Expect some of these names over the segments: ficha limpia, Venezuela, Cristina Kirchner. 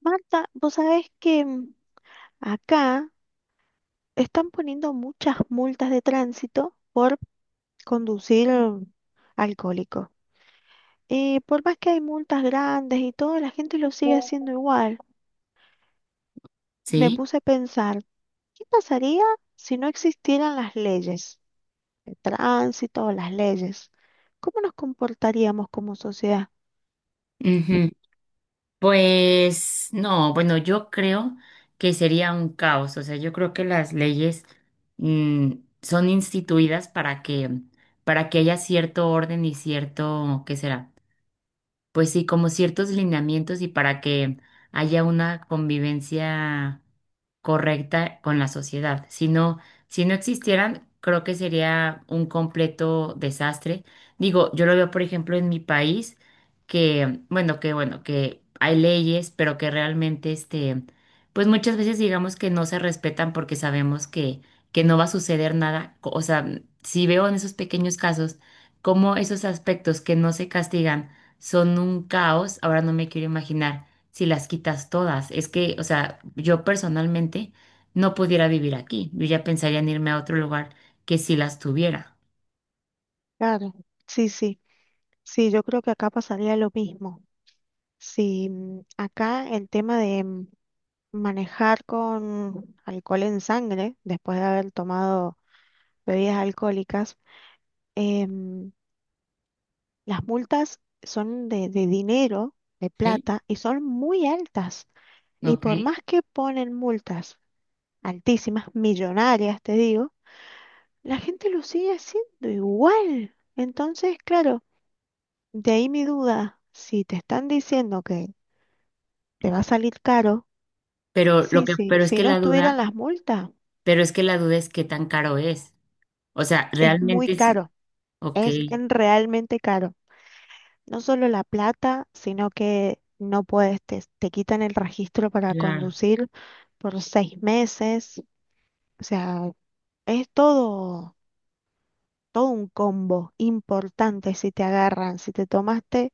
Marta, vos sabés que acá están poniendo muchas multas de tránsito por conducir alcohólico. Y por más que hay multas grandes y todo, la gente lo sigue haciendo igual. Me Sí, puse a pensar, ¿qué pasaría si no existieran las leyes de tránsito o las leyes? ¿Cómo nos comportaríamos como sociedad? ujú. Pues no, bueno, yo creo que sería un caos, o sea, yo creo que las leyes mm, son instituidas para que haya cierto orden y cierto, ¿qué será? Pues sí, como ciertos lineamientos y para que haya una convivencia correcta con la sociedad. Si no, si no existieran, creo que sería un completo desastre. Digo, yo lo veo, por ejemplo, en mi país, que bueno, que hay leyes, pero que realmente, este, pues muchas veces digamos que no se respetan porque sabemos que no va a suceder nada. O sea, si veo en esos pequeños casos, cómo esos aspectos que no se castigan, son un caos. Ahora no me quiero imaginar si las quitas todas. Es que, o sea, yo personalmente no pudiera vivir aquí. Yo ya pensaría en irme a otro lugar que si las tuviera. Claro, sí, sí, sí, yo creo que acá pasaría lo mismo. Si acá el tema de, manejar con alcohol en sangre después de haber tomado bebidas alcohólicas, em, las multas son de dinero, de ¿Sí? plata, y son muy altas. Y Ok. por más que ponen multas altísimas, millonarias, te digo, la gente lo sigue haciendo igual. Entonces, claro, de ahí mi duda, si te están diciendo que te va a salir caro, Pero lo sí, que, sí, pero es si que no la estuvieran duda, las multas, pero es que la duda es qué tan caro es. O sea, es muy realmente es, caro, ok, es realmente caro. No solo la plata, sino que no puedes, te quitan el registro para claro. conducir por 6 meses. O sea, es todo un combo importante si te agarran, si te tomaste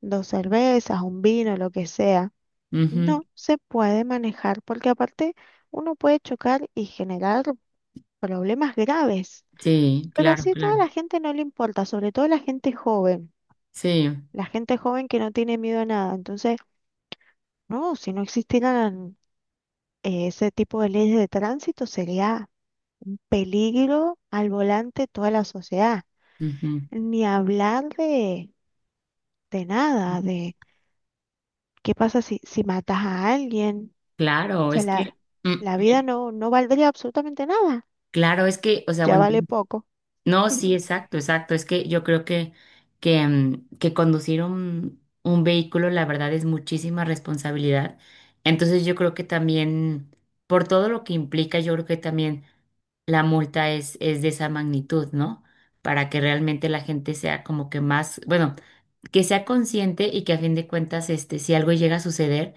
2 cervezas, un vino, lo que sea. Ujú, No se puede manejar porque aparte uno puede chocar y generar problemas graves. sí, Pero claro, así toda claro. la gente no le importa, sobre todo Sí. la gente joven que no tiene miedo a nada. Entonces, no, si no existieran ese tipo de leyes de tránsito, sería un peligro al volante toda la sociedad. Ujú. Ni hablar de nada, de qué pasa si, si matas a alguien. O Claro, sea, es que, mm, la vida mm, no valdría absolutamente nada. O sea, Ya bueno, vale poco. no, sí, exacto, exacto. Es que yo creo que conducir un vehículo, la verdad, es muchísima responsabilidad. Entonces yo creo que también, por todo lo que implica, yo creo que también la multa es de esa magnitud, ¿no? Para que realmente la gente sea como que más, bueno, que sea consciente y que a fin de cuentas, este, si algo llega a suceder,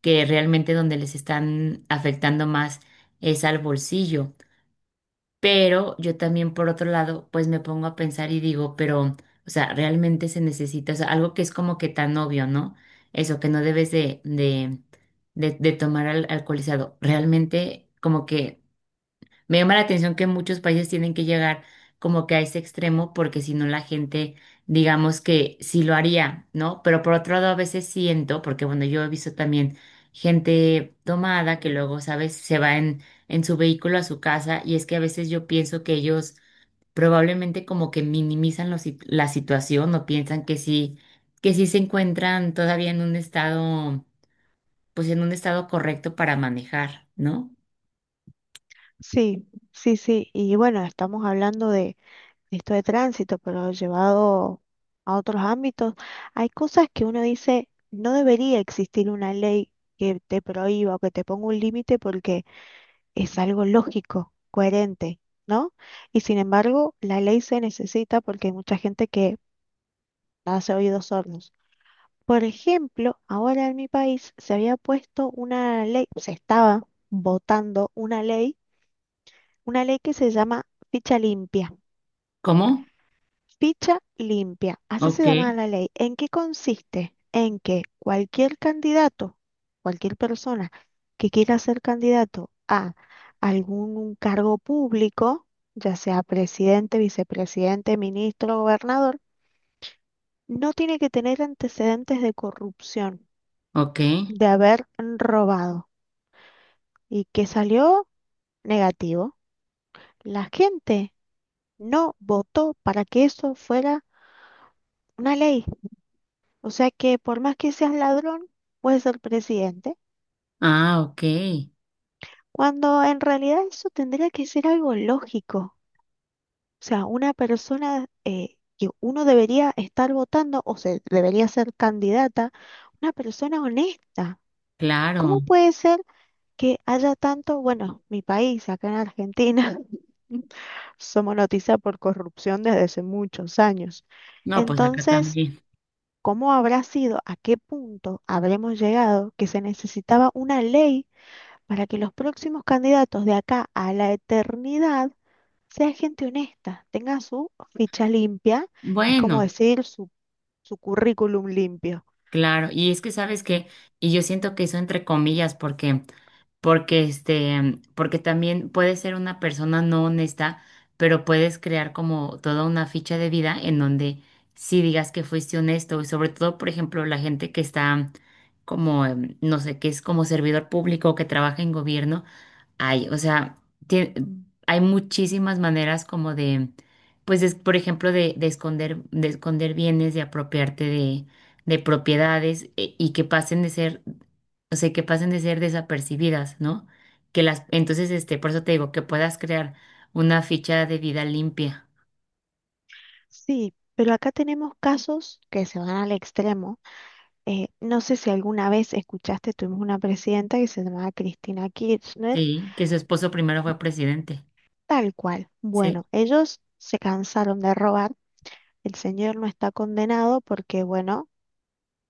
que realmente donde les están afectando más es al bolsillo. Pero yo también, por otro lado, pues me pongo a pensar y digo, pero, o sea, realmente se necesita, o sea, algo que es como que tan obvio, ¿no? Eso, que no debes de tomar al alcoholizado. Realmente, como que me llama la atención que muchos países tienen que llegar como que a ese extremo porque si no la gente, digamos que sí lo haría, ¿no? Pero por otro lado a veces siento, porque bueno, yo he visto también gente tomada que luego, ¿sabes? Se va en su vehículo a su casa y es que a veces yo pienso que ellos probablemente como que minimizan la situación o piensan que sí se encuentran todavía en un estado, pues en un estado correcto para manejar, ¿no? Sí, sí, sí. Y bueno, estamos hablando de esto de tránsito, pero llevado a otros ámbitos, hay cosas que uno dice, no debería existir una ley que te prohíba o que te ponga un límite porque es algo lógico, coherente, ¿no? Y sin embargo, la ley se necesita porque hay mucha gente que hace oídos sordos. Por ejemplo, ahora en mi país se había puesto una ley, se estaba votando una ley que se llama ficha limpia. ¿Cómo? Ficha limpia, así se Ok, llama la ley. ¿En qué consiste? En que cualquier candidato, cualquier persona que quiera ser candidato a algún cargo público, ya sea presidente, vicepresidente, ministro, gobernador, no tiene que tener antecedentes de corrupción, ok. de haber robado y que salió negativo. La gente no votó para que eso fuera una ley. O sea que por más que seas ladrón, puedes ser presidente, Ah, ok, cuando en realidad eso tendría que ser algo lógico. O sea, una persona que uno debería estar votando o se debería ser candidata, una persona honesta. claro. ¿Cómo puede ser que haya tanto, bueno, mi país, acá en Argentina, somos noticia por corrupción desde hace muchos años? No, pues acá Entonces, también. ¿cómo habrá sido, a qué punto habremos llegado que se necesitaba una ley para que los próximos candidatos de acá a la eternidad sea gente honesta, tenga su ficha limpia, es como Bueno, decir su currículum limpio? claro. Y es que sabes que, y yo siento que eso entre comillas, porque también puedes ser una persona no honesta, pero puedes crear como toda una ficha de vida en donde sí digas que fuiste honesto. Y sobre todo, por ejemplo, la gente que está como, no sé, que es como servidor público, que trabaja en gobierno. Hay, o sea, tie- hay muchísimas maneras como de, pues, por ejemplo, de esconder bienes, de apropiarte de propiedades y que pasen de ser, o sea, que pasen de ser desapercibidas, ¿no? Que las, entonces, este, por eso te digo, que puedas crear una ficha de vida limpia, Sí, pero acá tenemos casos que se van al extremo. No sé si alguna vez escuchaste, tuvimos una presidenta que se llamaba Cristina Kirchner, ¿sí? Que su esposo primero fue presidente, tal cual. ¿sí? Bueno, ellos se cansaron de robar, el señor no está condenado porque, bueno,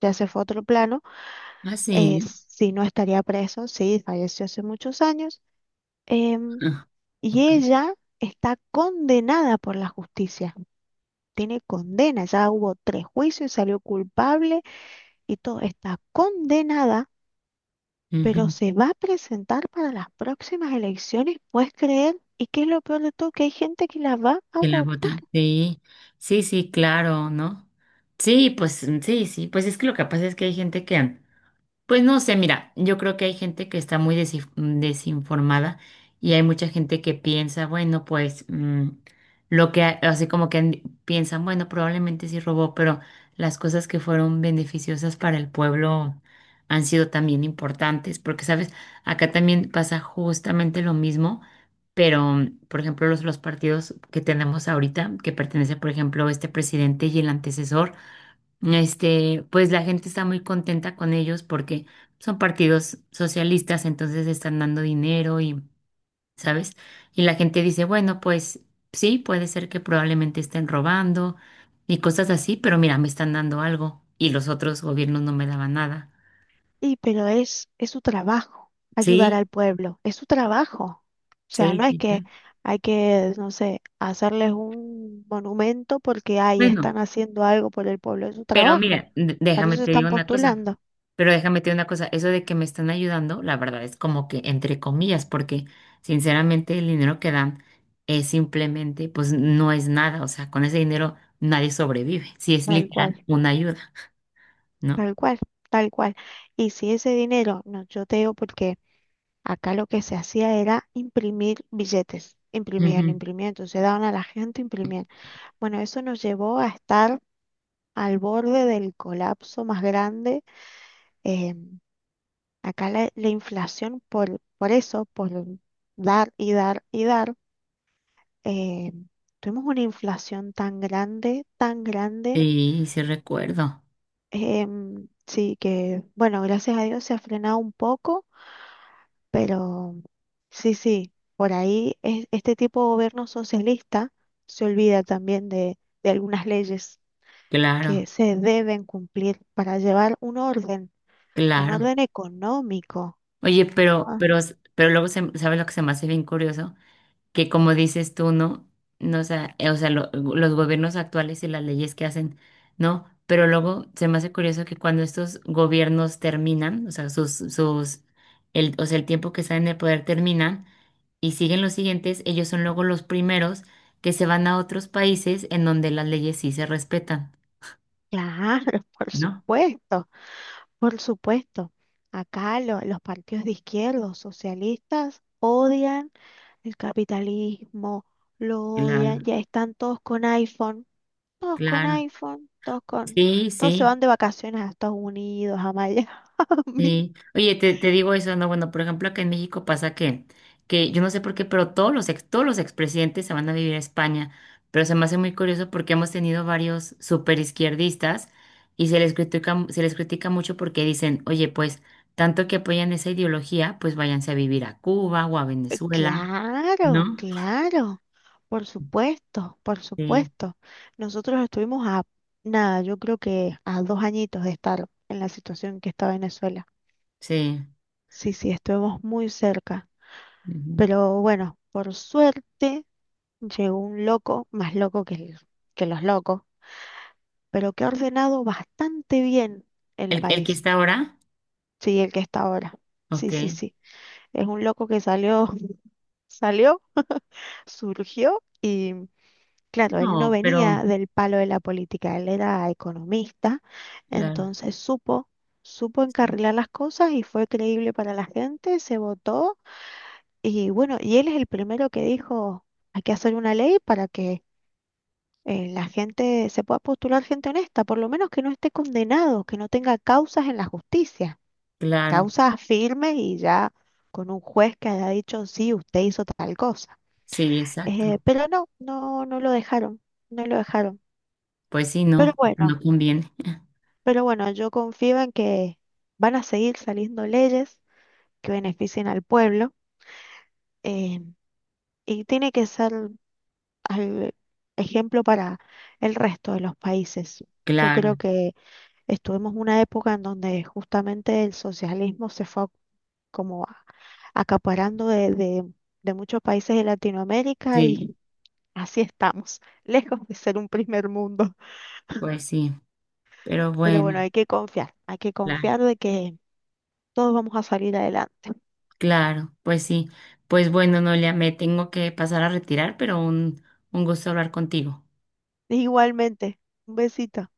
ya se fue a otro plano, Ah, eh, sí. si no estaría preso, sí, falleció hace muchos años, em, Ah, y ok. ella está condenada por la justicia, tiene condena, ya hubo 3 juicios, salió culpable y todo, está condenada, pero Ujú. se va a presentar para las próximas elecciones, ¿puedes creer? ¿Y qué es lo peor de todo? Que hay gente que la va a Que la votar. botan. Sí, sí, sí, claro, ¿no? Sí, pues sí, sí, pues es que lo que pasa es que hay gente que, pues no sé, mira, yo creo que hay gente que está muy desinformada y hay mucha gente que piensa, bueno, pues mm, lo que, ha- así como que han- piensan, bueno, probablemente sí robó, pero las cosas que fueron beneficiosas para el pueblo han sido también importantes, porque, sabes, acá también pasa justamente lo mismo, pero, por ejemplo, los partidos que tenemos ahorita, que pertenece, por ejemplo, este presidente y el antecesor. Este, pues la gente está muy contenta con ellos porque son partidos socialistas, entonces están dando dinero y, ¿sabes? Y la gente dice, bueno, pues sí, puede ser que probablemente estén robando y cosas así, pero mira, me están dando algo y los otros gobiernos no me daban nada. Y pero es su trabajo ayudar Sí, al pueblo, es su trabajo. O sea, sí, no es sí. que Sí. hay que, no sé, hacerles un monumento porque ahí Bueno. están haciendo algo por el pueblo, es su Pero trabajo. mira, Para eso se están postulando, déjame te digo una cosa, eso de que me están ayudando, la verdad es como que entre comillas, porque sinceramente el dinero que dan es simplemente, pues no es nada, o sea, con ese dinero nadie sobrevive, si es tal literal cual, una ayuda, ¿no? tal cual, tal cual. Y si ese dinero, no, yo te digo porque acá lo que se hacía era imprimir billetes, imprimían, Ujú. imprimían, entonces daban a la gente, imprimían. Bueno, eso nos llevó a estar al borde del colapso más grande. eh, Acá la inflación, por eso, por dar y dar y dar, eh, tuvimos una inflación tan grande, Sí, sí recuerdo, sí que, bueno, gracias a Dios se ha frenado un poco, pero sí, sí, por ahí este tipo de gobierno socialista se olvida también de algunas leyes claro, que se deben cumplir para llevar un claro. orden económico. Oye, Ah, pero luego ¿sabes lo que se me hace bien curioso? Que como dices tú, ¿no? No, o sea, los gobiernos actuales y las leyes que hacen, ¿no? Pero luego se me hace curioso que cuando estos gobiernos terminan, o sea, el tiempo que están en el poder terminan y siguen los siguientes, ellos son luego los primeros que se van a otros países en donde las leyes sí se respetan, claro, por ¿no? supuesto. Por supuesto, acá los partidos de izquierda, los socialistas, odian el capitalismo, lo odian, Claro, ya están todos con iPhone, todos con claro. iPhone, todos con, Sí, todos se sí. van de vacaciones a Estados Unidos, a Miami. Sí, oye, te digo eso, no, bueno, por ejemplo, acá en México pasa que yo no sé por qué, pero todos los expresidentes se van a vivir a España, pero se me hace muy curioso porque hemos tenido varios superizquierdistas y se les critica mucho porque dicen, oye, pues, tanto que apoyan esa ideología, pues váyanse a vivir a Cuba o a Venezuela, Claro, ¿no? claro, por supuesto, por Sí, supuesto. Nosotros estuvimos a nada, yo creo que a 2 añitos de estar en la situación que está Venezuela. sí. Sí, sí, estuvimos muy cerca. Ujú. Pero bueno, por suerte llegó un loco, más loco que, que los locos, pero que ha ordenado bastante bien el ¿El que país. está ahora? Sí, el que está ahora. Sí, Ok. sí, sí. Es un loco que salió, salió, surgió y claro, él no No, venía pero, del palo de la política, él era economista, claro, entonces supo, supo sí, encarrilar las cosas y fue creíble para la gente, se votó y bueno, y él es el primero que dijo, hay que hacer una ley para que la gente se pueda postular gente honesta, por lo menos que no esté condenado, que no tenga causas en la justicia, claro, causas firmes y ya con un juez que haya dicho, sí, usted hizo tal cosa. sí, exacto. Pero no, no, no lo dejaron, no lo dejaron. Pues sí, Pero no, bueno, no conviene. pero bueno, yo confío en que van a seguir saliendo leyes que beneficien al pueblo, eh, y tiene que ser al- ejemplo para el resto de los países. Yo Claro, creo que estuvimos una época en donde justamente el socialismo se fue como acaparando de muchos países de Latinoamérica y sí, así estamos, lejos de ser un primer mundo. pues sí, pero Pero bueno, bueno, hay que claro, confiar de que todos vamos a salir adelante. claro, pues sí. Pues bueno, Noelia, me tengo que pasar a retirar, pero un gusto hablar contigo. Igualmente, un besito.